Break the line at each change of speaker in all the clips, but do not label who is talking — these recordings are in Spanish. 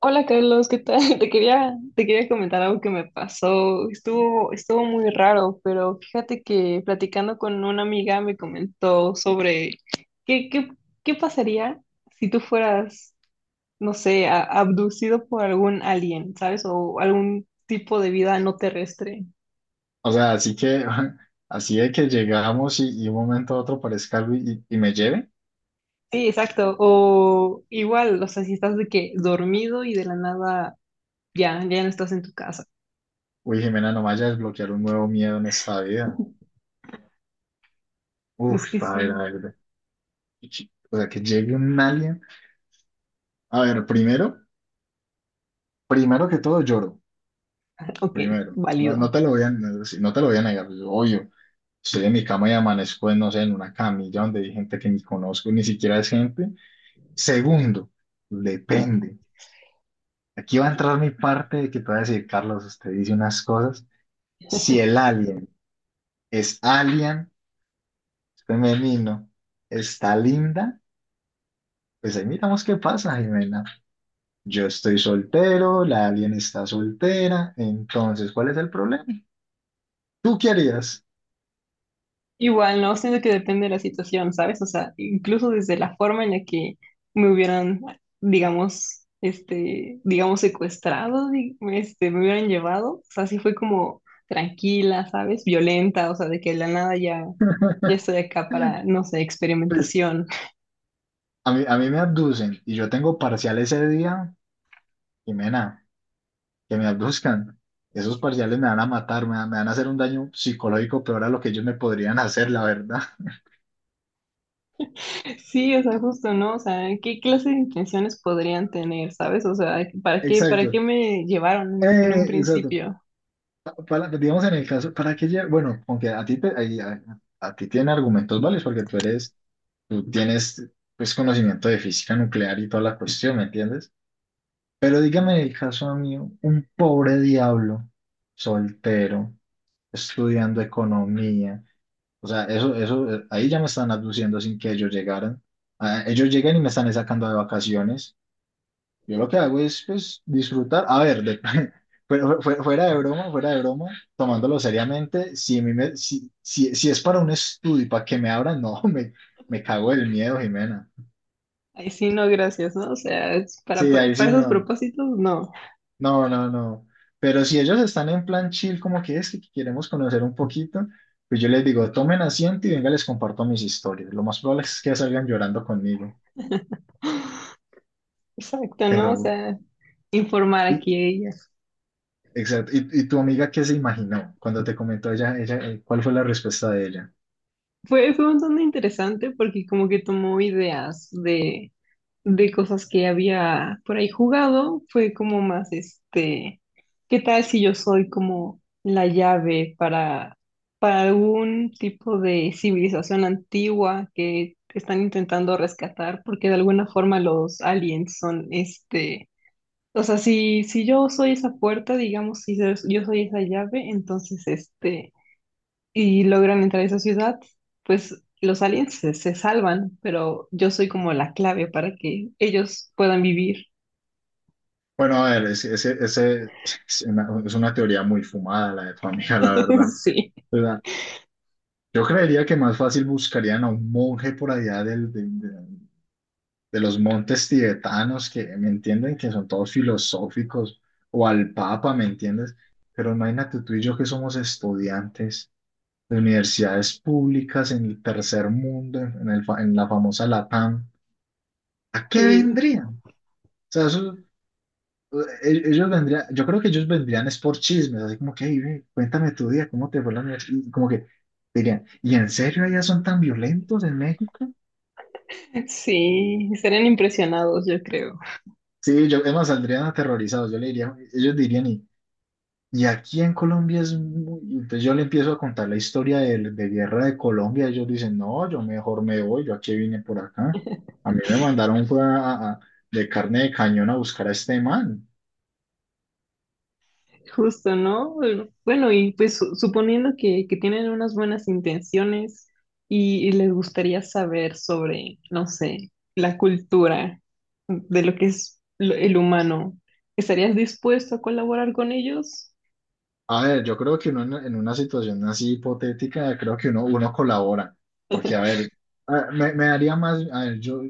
Hola Carlos, ¿qué tal? Te quería comentar algo que me pasó. Estuvo muy raro, pero fíjate que platicando con una amiga me comentó sobre qué, qué, qué pasaría si tú fueras, no sé, abducido por algún alien, ¿sabes? O algún tipo de vida no terrestre.
O sea, así que, así de que llegamos y un momento a otro parezca algo y me lleve.
Sí, exacto. O igual, o sea, si estás de que dormido y de la nada ya no estás en tu casa.
Uy, Jimena, no vaya a desbloquear un nuevo miedo en esta vida.
Es que
Uf, a ver, a
sí.
ver. O sea, que llegue un alien. A ver, primero que todo lloro.
Ok,
Primero. No, no
válido.
te lo voy a, no, sí, no te lo voy a negar. Yo, obvio, estoy en mi cama y amanezco, en, no sé, en una camilla donde hay gente que ni conozco, ni siquiera es gente. Segundo, depende. Aquí va a entrar mi parte de que te voy a decir, Carlos, usted dice unas cosas. Si el alien es alien, femenino, está linda, pues ahí miramos qué pasa, Jimena. Yo estoy soltero, la alien está soltera, entonces, ¿cuál es el problema? ¿Tú qué harías?
Igual, no, siento que depende de la situación, ¿sabes? O sea, incluso desde la forma en la que me hubieran, digamos, digamos, secuestrado, me hubieran llevado, o sea, sí fue como tranquila, ¿sabes? Violenta, o sea, de que de la nada ya estoy acá para, no sé,
Pues
experimentación.
a mí me abducen y yo tengo parcial ese día, Jimena, que me abduzcan. Esos parciales me van a matar, me van a hacer un daño psicológico peor a lo que ellos me podrían hacer, la verdad.
Sí, o sea, justo, ¿no? O sea, ¿qué clase de intenciones podrían tener, ¿sabes? O sea, ¿para qué
Exacto.
me llevaron en un
Exacto.
principio?
Para, digamos en el caso, Bueno, aunque a ti, te- ahí- a ti tiene argumentos válidos porque tú eres, tú tienes pues conocimiento de física nuclear y toda la cuestión, ¿me entiendes? Pero dígame en el caso mío, un pobre diablo, soltero, estudiando economía, o sea, eso, ahí ya me están abduciendo sin que ellos llegaran. Ah, ellos llegan y me están sacando de vacaciones. Yo lo que hago es, pues, disfrutar. Fuera de broma, tomándolo seriamente, a mí si es para un estudio y para que me abran, no, me cago del miedo, Jimena.
Ay, sí, no, gracias, ¿no? O sea, es
Sí, ahí
para
sí
esos
no.
propósitos, no.
No, no, no. Pero si ellos están en plan chill, como que es que queremos conocer un poquito, pues yo les digo, tomen asiento y venga, les comparto mis historias. Lo más probable es que salgan llorando conmigo.
Exacto, ¿no?
Pero,
O sea, informar aquí
y,
a ella.
exacto. Y tu amiga qué se imaginó cuando te comentó ella, cuál fue la respuesta de ella?
Fue bastante interesante porque como que tomó ideas de cosas que había por ahí jugado. Fue como más ¿qué tal si yo soy como la llave para algún tipo de civilización antigua que están intentando rescatar? Porque de alguna forma los aliens son este. O sea, si yo soy esa puerta, digamos, si yo soy esa llave, entonces, este, y logran entrar a esa ciudad, pues los aliens se salvan, pero yo soy como la clave para que ellos puedan vivir.
Bueno, a ver, es una teoría muy fumada la de tu amiga, la verdad.
Sí,
O sea, yo creería que más fácil buscarían a un monje por allá de los montes tibetanos, que me entienden que son todos filosóficos, o al papa, ¿me entiendes? Pero imagínate tú y yo que somos estudiantes de universidades públicas en el tercer mundo, en la famosa LATAM, ¿a qué
sí,
vendrían? O sea, eso e- ellos vendrían, yo creo que ellos vendrían es por chismes, así como que, "Ey, ve, cuéntame tu día, ¿cómo te fue la universidad?" Y como que dirían, ¿y en serio allá son tan violentos en México?
sí, serían impresionados, yo creo.
Sí, yo, además saldrían aterrorizados, yo le diría, ellos dirían, y aquí en Colombia es muy... Y entonces yo le empiezo a contar la historia de guerra de Colombia, ellos dicen, no, yo mejor me voy, yo aquí vine por acá. A mí me mandaron fue de carne de cañón a buscar a este man.
Justo, ¿no? Bueno, bueno, y pues suponiendo que tienen unas buenas intenciones y les gustaría saber sobre, no sé, la cultura de lo que es el humano, ¿estarías dispuesto a colaborar con ellos?
A ver, yo creo que uno en una situación así hipotética, creo que uno colabora, porque a ver, me daría más, a ver, yo,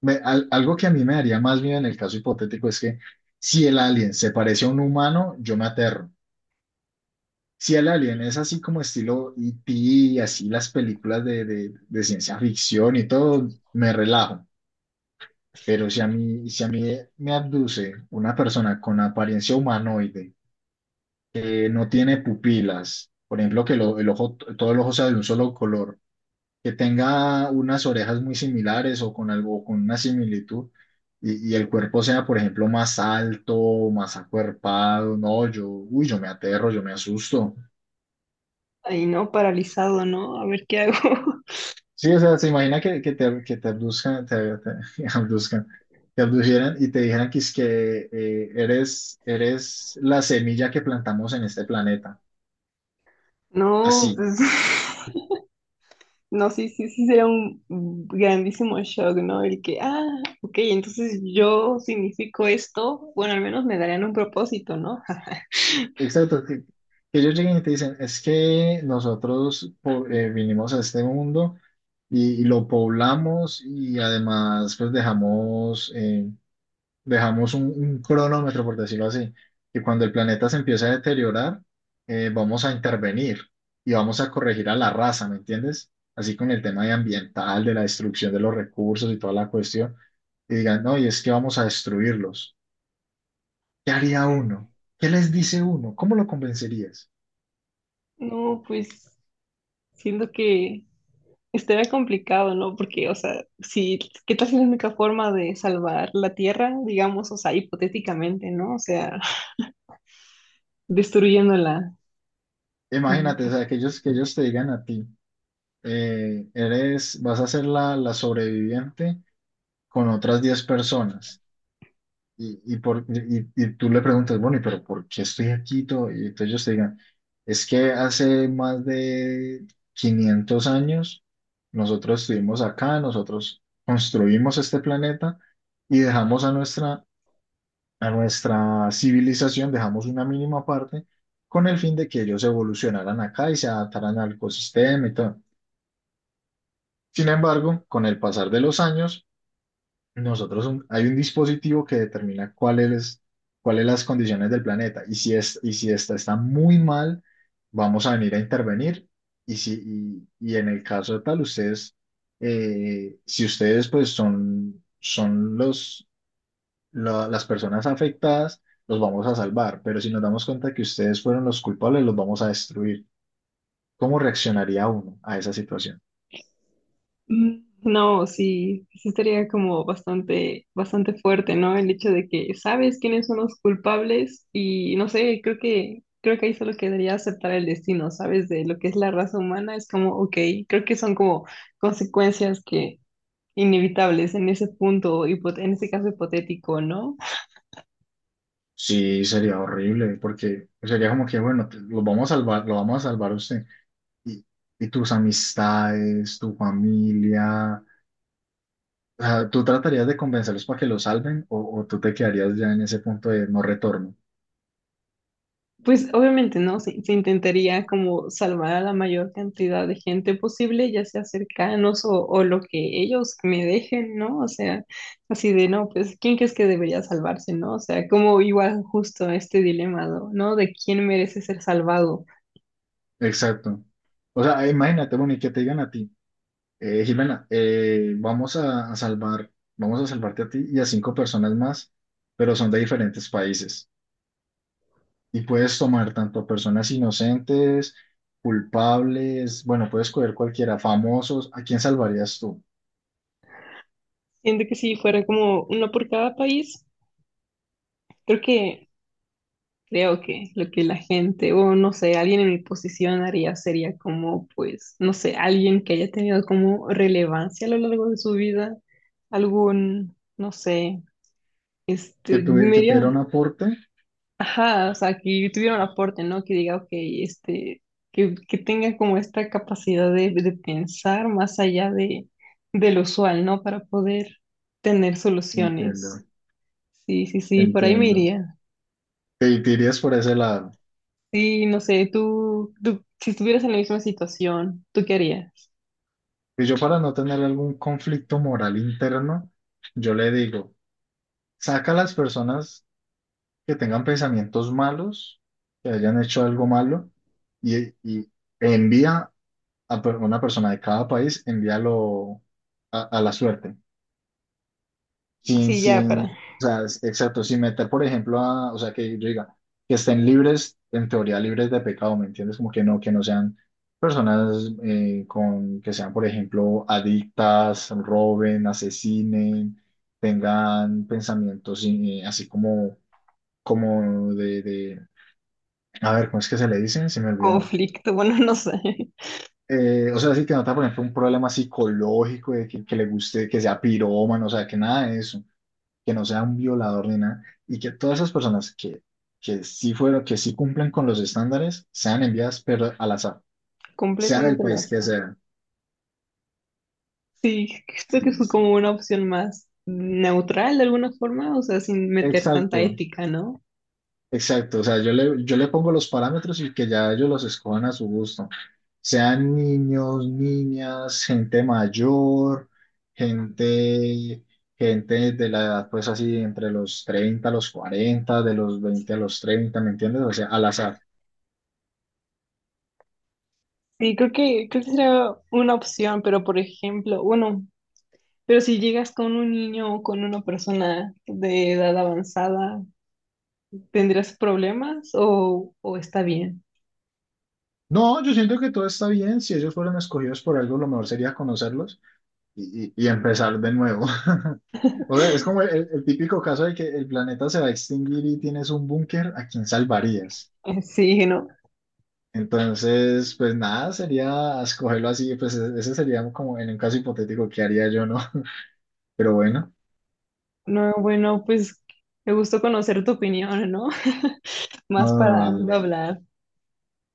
me- al- algo que a mí me daría más miedo en el caso hipotético es que si el alien se parece a un humano, yo me aterro. Si el alien es así como estilo E.T., así las películas de ciencia ficción y todo, me relajo. Pero si a mí me abduce una persona con apariencia humanoide, que no tiene pupilas, por ejemplo, el ojo, todo el ojo sea de un solo color, que tenga unas orejas muy similares o con algo, con una similitud, y el cuerpo sea, por ejemplo, más alto, más acuerpado, no, yo, uy, yo me aterro, yo me asusto.
Ahí no, paralizado, ¿no? A ver qué hago.
Sí, o sea, se imagina que, que te abduzcan, te abduzcan, te abdujeran y te dijeran que es que eres la semilla que plantamos en este planeta.
No,
Así.
pues, no, sí, sí, sí, sería un grandísimo shock, ¿no? El que, ah, ok, entonces yo significo esto, bueno, al menos me darían un propósito, ¿no?
Exacto, que ellos lleguen y te dicen, es que vinimos a este mundo y lo poblamos y además pues dejamos, dejamos un cronómetro, por decirlo así, que cuando el planeta se empieza a deteriorar, vamos a intervenir y vamos a corregir a la raza, ¿me entiendes? Así con el tema de ambiental, de la destrucción de los recursos y toda la cuestión, y digan, no, y es que vamos a destruirlos. ¿Qué haría uno? ¿Qué les dice uno? ¿Cómo lo convencerías?
No, pues siento que estaría complicado, ¿no? Porque, o sea, si, ¿qué tal si la única forma de salvar la Tierra, digamos, o sea, hipotéticamente, ¿no? O sea, destruyéndola. Mm.
Imagínate, o sea, que ellos te digan a ti, vas a ser la, la sobreviviente con otras 10 personas. Y tú le preguntas, bueno, ¿y pero por qué estoy aquí? Todo?". Y entonces ellos te digan, es que hace más de 500 años nosotros estuvimos acá, nosotros construimos este planeta y dejamos a nuestra civilización, dejamos una mínima parte con el fin de que ellos evolucionaran acá y se adaptaran al ecosistema y todo. Sin embargo, con el pasar de los años, hay un dispositivo que determina cuáles las condiciones del planeta y si es y si esta está muy mal, vamos a venir a intervenir y si y, y en el caso de tal ustedes si ustedes pues son las personas afectadas, los vamos a salvar, pero si nos damos cuenta que ustedes fueron los culpables, los vamos a destruir. ¿Cómo reaccionaría uno a esa situación?
No, sí, sí estaría como bastante, bastante fuerte, ¿no? El hecho de que sabes quiénes son los culpables y no sé, creo que ahí solo quedaría aceptar el destino, ¿sabes? De lo que es la raza humana, es como, ok, creo que son como consecuencias que inevitables en ese punto, en ese caso hipotético, ¿no?
Sí, sería horrible, porque sería como que, bueno, los vamos a salvar, lo vamos a salvar a usted. Y, y tus amistades, tu familia, o sea, ¿tú tratarías de convencerlos para que lo salven o tú te quedarías ya en ese punto de no retorno?
Pues obviamente, ¿no? Se intentaría como salvar a la mayor cantidad de gente posible, ya sea cercanos o lo que ellos me dejen, ¿no? O sea, así de, no, pues, ¿quién crees que debería salvarse, ¿no? O sea, como igual justo este dilema, ¿no? ¿No? De quién merece ser salvado.
Exacto. O sea, imagínate, bueno, y que te digan a ti. Jimena, a salvar, vamos a salvarte a ti y a 5 personas más, pero son de diferentes países. Y puedes tomar tanto a personas inocentes, culpables, bueno, puedes coger cualquiera, famosos. ¿A quién salvarías tú?
Siento que si fuera como uno por cada país, creo que creo que lo que la gente, o no sé, alguien en mi posición haría sería como, pues, no sé, alguien que haya tenido como relevancia a lo largo de su vida, algún, no sé, este,
Que
medio,
tuviera un aporte.
ajá, o sea, que tuviera un aporte, ¿no? Que diga, ok, este, que tenga como esta capacidad de pensar más allá de lo usual, ¿no? Para poder tener
Entiendo,
soluciones. Sí, sí, sí, por ahí me
entiendo.
iría.
Te irías por ese lado.
Sí, no sé, si estuvieras en la misma situación, ¿tú qué harías?
Y yo para no tener algún conflicto moral interno, yo le digo, saca a las personas que tengan pensamientos malos, que hayan hecho algo malo, y, y envía una persona de cada país, envíalo a la suerte, sin,
Así ya
sin, o
para
sea, exacto, sin meter, por ejemplo, a, o sea, que yo diga, que estén libres, en teoría libres de pecado, ¿me entiendes? Como que no sean personas que sean, por ejemplo, adictas, roben, asesinen, tengan pensamientos así como de a ver, ¿cómo es que se le dicen? Se me olvidó.
conflicto, bueno, no sé,
O sea, sí que nota, por ejemplo, un problema psicológico de que le guste, que sea pirómano, o sea, que nada de eso, que no sea un violador ni nada, y que todas esas personas que sí fueron, que sí cumplen con los estándares, sean enviadas, pero al azar, sea del
completamente lo
país
sé.
que sea.
Sí, creo que es
Sí, sí.
como una opción más neutral de alguna forma, o sea, sin meter tanta
Exacto.
ética, ¿no?
Exacto, o sea, yo le pongo los parámetros y que ya ellos los escojan a su gusto. Sean niños, niñas, gente mayor, gente, gente de la edad, pues así, entre los 30, a los 40, de los 20 a los 30, ¿me entiendes? O sea, al azar.
Sí, creo que sería una opción, pero por ejemplo, bueno, pero si llegas con un niño o con una persona de edad avanzada, ¿tendrías problemas o está bien?
No, yo siento que todo está bien. Si ellos fueron escogidos por algo, lo mejor sería conocerlos y empezar de nuevo. O sea, es como el típico caso de que el planeta se va a extinguir y tienes un búnker, ¿a quién salvarías?
Sí, ¿no?
Entonces, pues nada, sería escogerlo así, pues ese sería como en un caso hipotético que haría yo, ¿no? Pero bueno,
No, bueno, pues me gustó conocer tu opinión, ¿no? Más
no, no,
para no
dale.
hablar.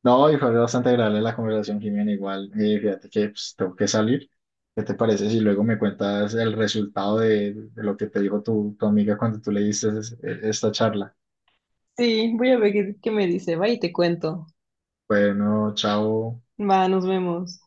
No, y fue bastante agradable la conversación, Jimena, igual. Fíjate que pues, tengo que salir. ¿Qué te parece si luego me cuentas el resultado de lo que te dijo tu, tu amiga cuando tú le diste esta charla?
Sí, voy a ver qué me dice. Va y te cuento.
Bueno, chao.
Va, nos vemos.